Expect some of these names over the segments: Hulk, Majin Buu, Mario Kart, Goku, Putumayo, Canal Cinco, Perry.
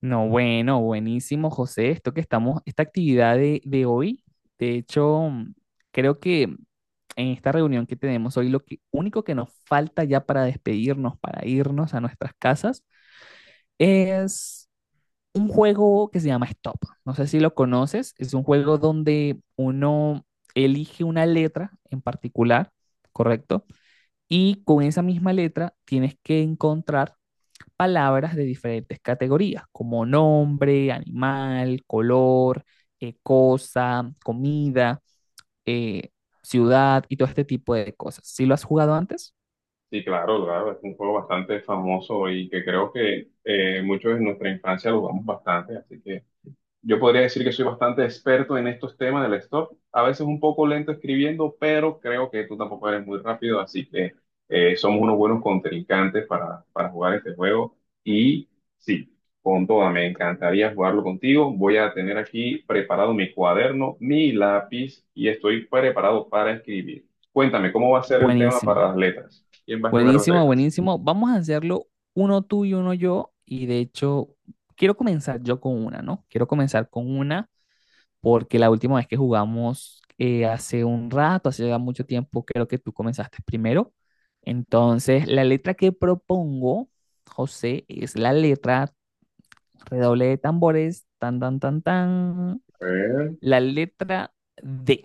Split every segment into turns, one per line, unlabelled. No, bueno, buenísimo, José. Esta actividad de hoy, de hecho, creo que en esta reunión que tenemos hoy, único que nos falta ya para despedirnos, para irnos a nuestras casas, es un juego que se llama Stop. No sé si lo conoces. Es un juego donde uno elige una letra en particular, ¿correcto? Y con esa misma letra tienes que encontrar palabras de diferentes categorías, como nombre, animal, color, cosa, comida, eh, ciudad y todo este tipo de cosas. ¿Si lo has jugado antes?
Sí, claro, claro, es un juego bastante famoso y que creo que muchos de nuestra infancia lo jugamos bastante, así que yo podría decir que soy bastante experto en estos temas del stock, a veces un poco lento escribiendo, pero creo que tú tampoco eres muy rápido, así que somos unos buenos contrincantes para jugar este juego. Y sí, con toda, me encantaría jugarlo contigo. Voy a tener aquí preparado mi cuaderno, mi lápiz y estoy preparado para escribir. Cuéntame, ¿cómo va a ser el tema para
Buenísimo,
las letras? ¿Quién va a escoger las
buenísimo,
letras?
buenísimo. Vamos a hacerlo uno tú y uno yo. Y de hecho, quiero comenzar yo con una, ¿no? Quiero comenzar con una porque la última vez que jugamos hace un rato, hace ya mucho tiempo, creo que tú comenzaste primero. Entonces, la letra que propongo, José, es la letra, redoble de tambores, tan, tan, tan, tan,
A ver.
la letra D.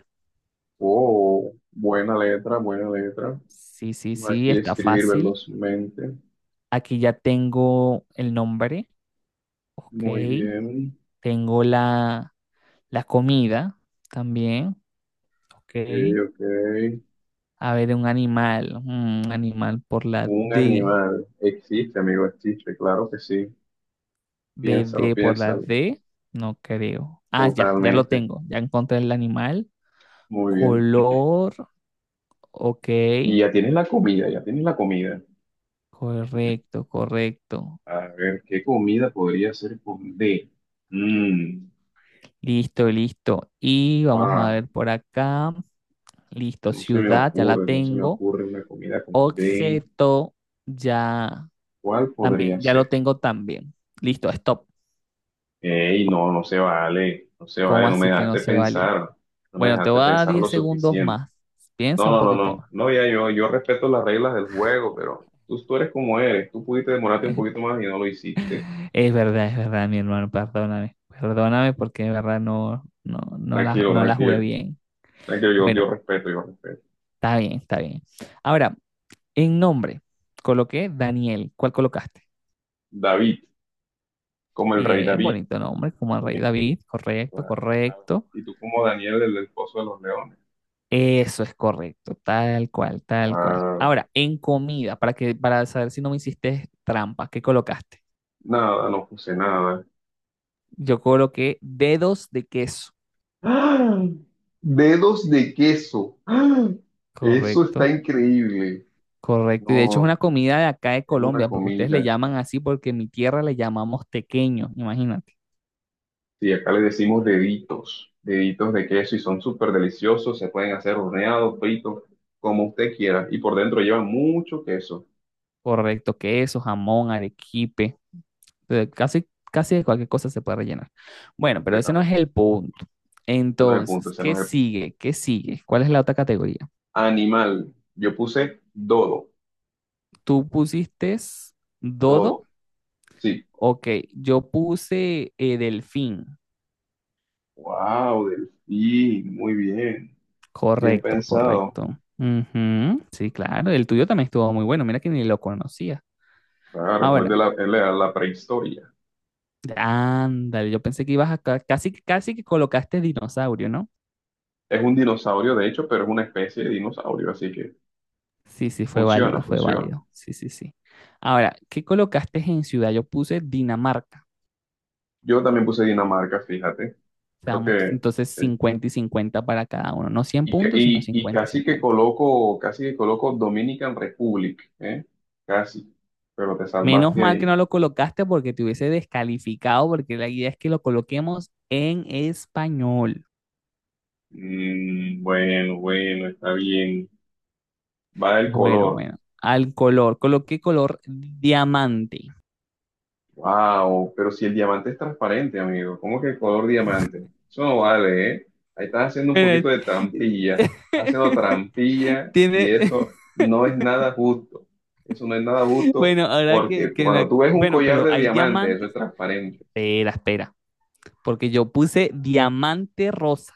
Oh, buena letra, buena letra.
Sí, sí, sí,
Aquí
está
escribir
fácil.
velozmente.
Aquí ya tengo el nombre, ok.
Muy bien.
Tengo la comida también,
Sí,
ok.
ok.
A ver, un animal, un animal por la
Un
D.
animal. Existe, amigo, existe. Claro que sí. Piénsalo,
BD por la
piénsalo.
D, no creo. Ah, ya, ya lo
Totalmente.
tengo. Ya encontré el animal.
Muy bien.
Color, ok.
Y ya tienes la comida, ya tienes la comida.
Correcto, correcto.
A ver, ¿qué comida podría ser con D? Mm,
Listo, listo. Y vamos a
wow.
ver por acá. Listo,
No se me
ciudad, ya la
ocurre, no se me
tengo.
ocurre una comida con D.
Objeto, ya
¿Cuál podría
también, ya lo
ser?
tengo también. Listo, stop.
Ey, no, no se vale. No se
¿Cómo
vale, no me
así que no
dejaste
se vale?
pensar. No me
Bueno, te
dejaste
voy a dar
pensar lo
10 segundos
suficiente.
más.
No,
Piensa un
no, no,
poquito
no.
más.
No, ya yo respeto las reglas del juego, pero tú eres como eres. Tú pudiste demorarte un poquito más y no lo hiciste.
Es verdad, mi hermano, perdóname. Perdóname porque de verdad
Tranquilo,
no la jugué
tranquilo.
bien.
Tranquilo, yo,
Bueno,
yo respeto, yo respeto.
está bien, está bien. Ahora, en nombre, coloqué Daniel. ¿Cuál colocaste?
David, como el rey
Bien,
David.
bonito nombre, como el rey
¿Eh?
David. Correcto,
Claro, claro.
correcto.
Y tú como Daniel, el del Pozo de los Leones.
Eso es correcto, tal cual, tal cual.
Claro.
Ahora, en comida, para saber si no me hiciste trampa, ¿qué colocaste?
Nada, no puse nada.
Yo coloqué dedos de queso.
¡Ah! Dedos de queso. ¡Ah! Eso está
Correcto.
increíble.
Correcto, y de hecho es una
No,
comida de acá de
es una
Colombia, porque ustedes le
comida.
llaman así, porque en mi tierra le llamamos tequeño, imagínate.
Sí, acá le decimos deditos, deditos de queso y son súper deliciosos, se pueden hacer horneados, fritos, como usted quiera. Y por dentro llevan mucho queso,
Correcto, queso, jamón, arequipe, casi, casi de cualquier cosa se puede rellenar. Bueno, pero ese no es
completamente.
el punto.
Ese no es el punto,
Entonces,
ese no
¿qué
es el punto.
sigue? ¿Qué sigue? ¿Cuál es la otra categoría?
Animal, yo puse dodo,
Tú pusiste dodo,
dodo, sí.
ok, yo puse delfín,
Wow, delfín, muy bien, bien
correcto,
pensado.
correcto. Ujú. Sí, claro, el tuyo también estuvo muy bueno, mira que ni lo conocía.
Claro,
Ahora,
es la prehistoria.
ándale, yo pensé que ibas a casi, casi que colocaste dinosaurio, ¿no?
Es un dinosaurio, de hecho, pero es una especie de dinosaurio, así que
Sí, sí, fue
funciona,
válido, fue
funciona.
válido. Sí, sí, sí. Ahora, ¿qué colocaste en ciudad? Yo puse Dinamarca.
Yo también puse Dinamarca, fíjate. Creo
Seamos
que.
entonces
Eh,
50 y 50 para cada uno. No cien
Y, ca-
puntos, sino
y, y
50 y cincuenta.
casi que coloco Dominican Republic, ¿eh? Casi, pero te
Menos
salvaste
mal que no
ahí.
lo colocaste porque te hubiese descalificado, porque la idea es que lo coloquemos en español.
Mm, bueno, bueno, está bien. Va el
Bueno,
color.
bueno. Al color, coloqué color diamante.
Wow, pero si el diamante es transparente, amigo, ¿cómo que el color diamante? Eso no vale, ¿eh? Ahí estás haciendo un
Mira,
poquito de trampilla, haciendo trampilla y
tiene,
eso no es nada justo. Eso no es nada justo
bueno, ahora
porque
que,
cuando tú ves un
bueno,
collar
pero
de
hay
diamante, eso
diamantes.
es transparente.
Espera, espera, porque yo puse diamante rosa.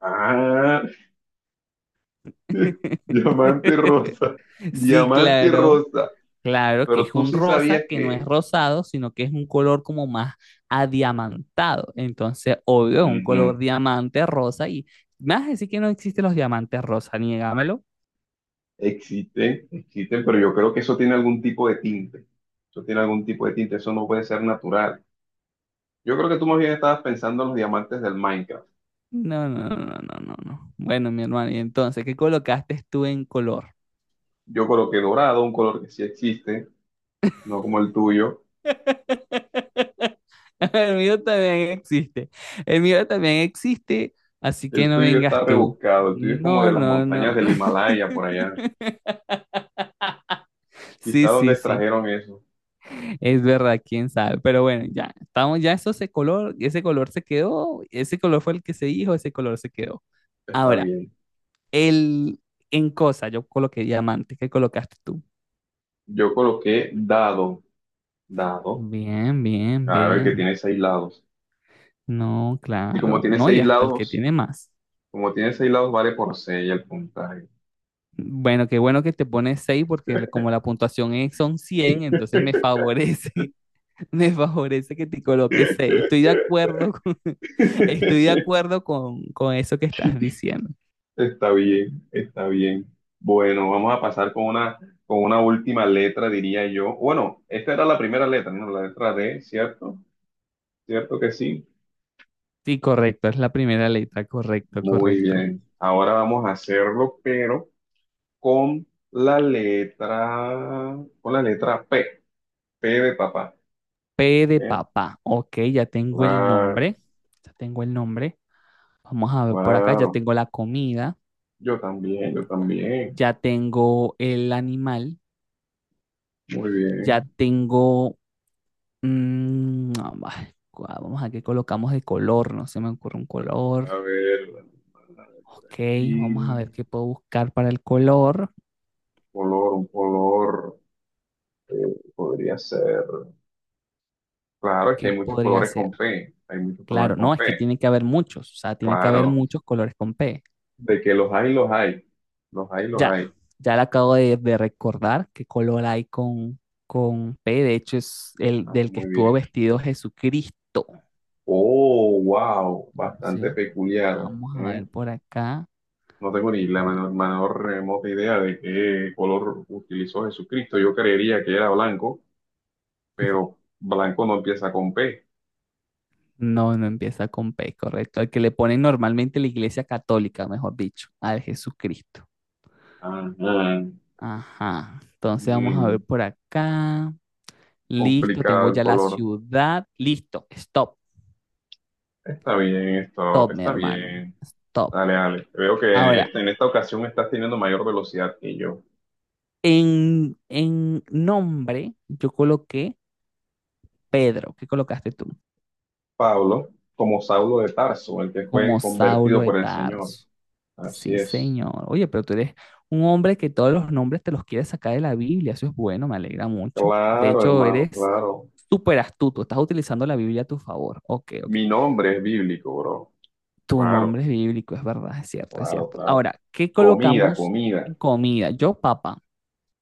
Ah, Diamante rosa,
Sí,
diamante
claro,
rosa.
claro que
Pero
es
tú
un
sí
rosa
sabías
que no es
que
rosado, sino que es un color como más adiamantado. Entonces, obvio, es un
ujú,
color diamante rosa y me vas a decir que no existen los diamantes rosa, niégamelo.
existen, existen, pero yo creo que eso tiene algún tipo de tinte. Eso tiene algún tipo de tinte, eso no puede ser natural. Yo creo que tú más bien estabas pensando en los diamantes del Minecraft.
No, no, no, no, no, no. Bueno, mi hermano, y entonces, ¿qué colocaste tú en color?
Yo coloqué dorado, un color que sí existe, no como el tuyo.
El mío también existe. El mío también existe, así que
El
no
tuyo está
vengas tú.
rebuscado, el tuyo es como
No,
de las
no,
montañas
no. No.
del Himalaya por allá.
Sí,
Quizá donde
sí, sí.
extrajeron eso.
Es verdad, quién sabe. Pero bueno, ya estamos, ese color se quedó, ese color fue el que se dijo, ese color se quedó.
Está
Ahora,
bien.
el en cosa, yo coloqué diamante, ¿qué colocaste tú?
Yo coloqué dado, dado.
Bien, bien,
A ver que
bien.
tiene seis lados.
No,
Y como
claro.
tiene
No, y
seis
hasta el que
lados,
tiene más.
como tiene seis lados, vale por seis el puntaje.
Bueno, qué bueno que te pones 6 porque como la puntuación es, son 100, entonces me favorece, me favorece que te coloques 6. Estoy de acuerdo con, estoy de acuerdo con eso que estás diciendo.
Está bien, está bien. Bueno, vamos a pasar con una última letra, diría yo. Bueno, esta era la primera letra, ¿no? La letra D, ¿cierto? ¿Cierto que sí?
Sí, correcto, es la primera letra, correcto,
Muy
correcto.
bien. Ahora vamos a hacerlo, pero con la letra P, P de papá.
P de
¿Eh?
papá, ok, ya tengo el
Claro,
nombre, ya tengo el nombre. Vamos a ver por acá, ya
claro.
tengo la comida,
Yo también, yo también.
ya tengo el animal,
Muy
ya
bien.
tengo, no, va, vamos a qué colocamos de color. No se me ocurre un color.
A ver.
Ok, vamos a
Y
ver qué puedo buscar para el color.
color, un color podría ser. Claro, es que
¿Qué
hay muchos
podría
colores
ser?
con P. Hay muchos
Claro,
colores con
no, es
P.
que tiene que haber muchos. O sea, tiene que haber
Claro,
muchos colores con P.
de que los hay, los hay. Los hay, los
Ya,
hay.
ya le acabo de recordar qué color hay con P. De hecho, es el
Ah,
del que
muy
estuvo
bien.
vestido Jesucristo.
Oh, wow,
O
bastante
sea,
peculiar.
vamos a
¿Eh?
ver por acá.
No tengo ni la menor remota idea de qué color utilizó Jesucristo. Yo creería que era blanco, pero blanco no empieza con P.
No, no empieza con P, correcto. El que le ponen normalmente la iglesia católica, mejor dicho, al Jesucristo.
Ajá.
Ajá. Entonces vamos a ver
Mm,
por acá. Listo,
complicado
tengo
el
ya la
color.
ciudad. Listo, stop,
Está bien, stop,
stop, mi
está
hermano.
bien.
Stop.
Dale, dale. Veo que
Ahora,
en esta ocasión estás teniendo mayor velocidad que yo.
en nombre, yo coloqué Pedro. ¿Qué colocaste tú?
Pablo, como Saulo de Tarso, el que
Como
fue
Saulo
convertido
de
por el Señor.
Tarso.
Así
Sí,
es.
señor. Oye, pero tú eres un hombre que todos los nombres te los quieres sacar de la Biblia. Eso es bueno, me alegra mucho. De
Claro,
hecho,
hermano,
eres
claro.
súper astuto. Estás utilizando la Biblia a tu favor. Ok, ok.
Mi nombre es bíblico, bro.
Tu nombre
Claro,
es bíblico, es verdad, es cierto, es
claro,
cierto.
claro.
Ahora, ¿qué
Comida,
colocamos
comida.
en comida? Yo, papa,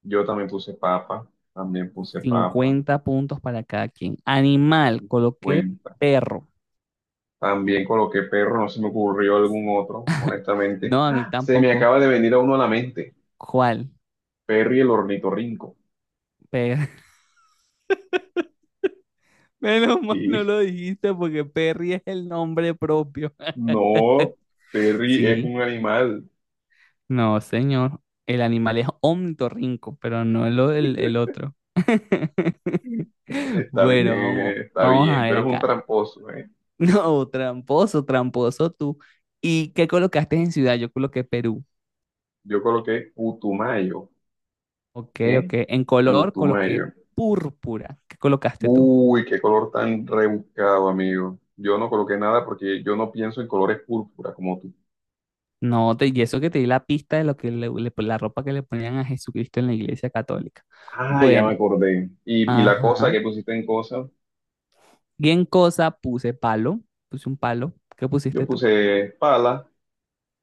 Yo también puse papa, también puse papa.
50 puntos para cada quien. Animal, coloqué
Cuenta.
perro.
También coloqué perro, no se me ocurrió algún otro, honestamente.
No, a mí
¡Ah! Se me
tampoco.
acaba de venir a uno a la mente.
¿Cuál?
Perry el ornitorrinco.
Per- menos mal no
Sí,
lo dijiste porque Perry es el nombre propio.
no, Perry es
Sí,
un animal.
no, señor. El animal es ornitorrinco, pero no lo del el otro. Bueno, vamos,
Está
vamos a
bien,
ver
pero es un
acá.
tramposo, ¿eh?
No, tramposo, tramposo tú. ¿Y qué colocaste en ciudad? Yo coloqué Perú.
Yo coloqué Putumayo,
Ok,
¿eh?
ok. En color coloqué
Putumayo.
púrpura. ¿Qué colocaste tú?
Uy, qué color tan rebuscado, amigo. Yo no coloqué nada porque yo no pienso en colores púrpura como tú.
No, te, y eso que te di la pista de lo que la ropa que le ponían a Jesucristo en la iglesia católica.
Ah, ya me
Bueno,
acordé. Y la cosa
ajá.
que pusiste en cosa,
Bien cosa puse palo. Puse un palo. ¿Qué
yo
pusiste tú?
puse pala,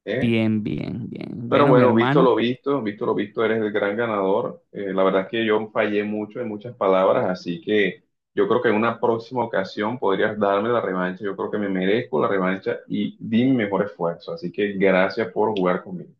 ¿eh?
Bien, bien, bien.
Pero
Bueno, mi
bueno,
hermano,
visto lo visto, eres el gran ganador. La verdad es que yo fallé mucho en muchas palabras, así que yo creo que en una próxima ocasión podrías darme la revancha. Yo creo que me merezco la revancha y di mi mejor esfuerzo. Así que gracias por jugar conmigo.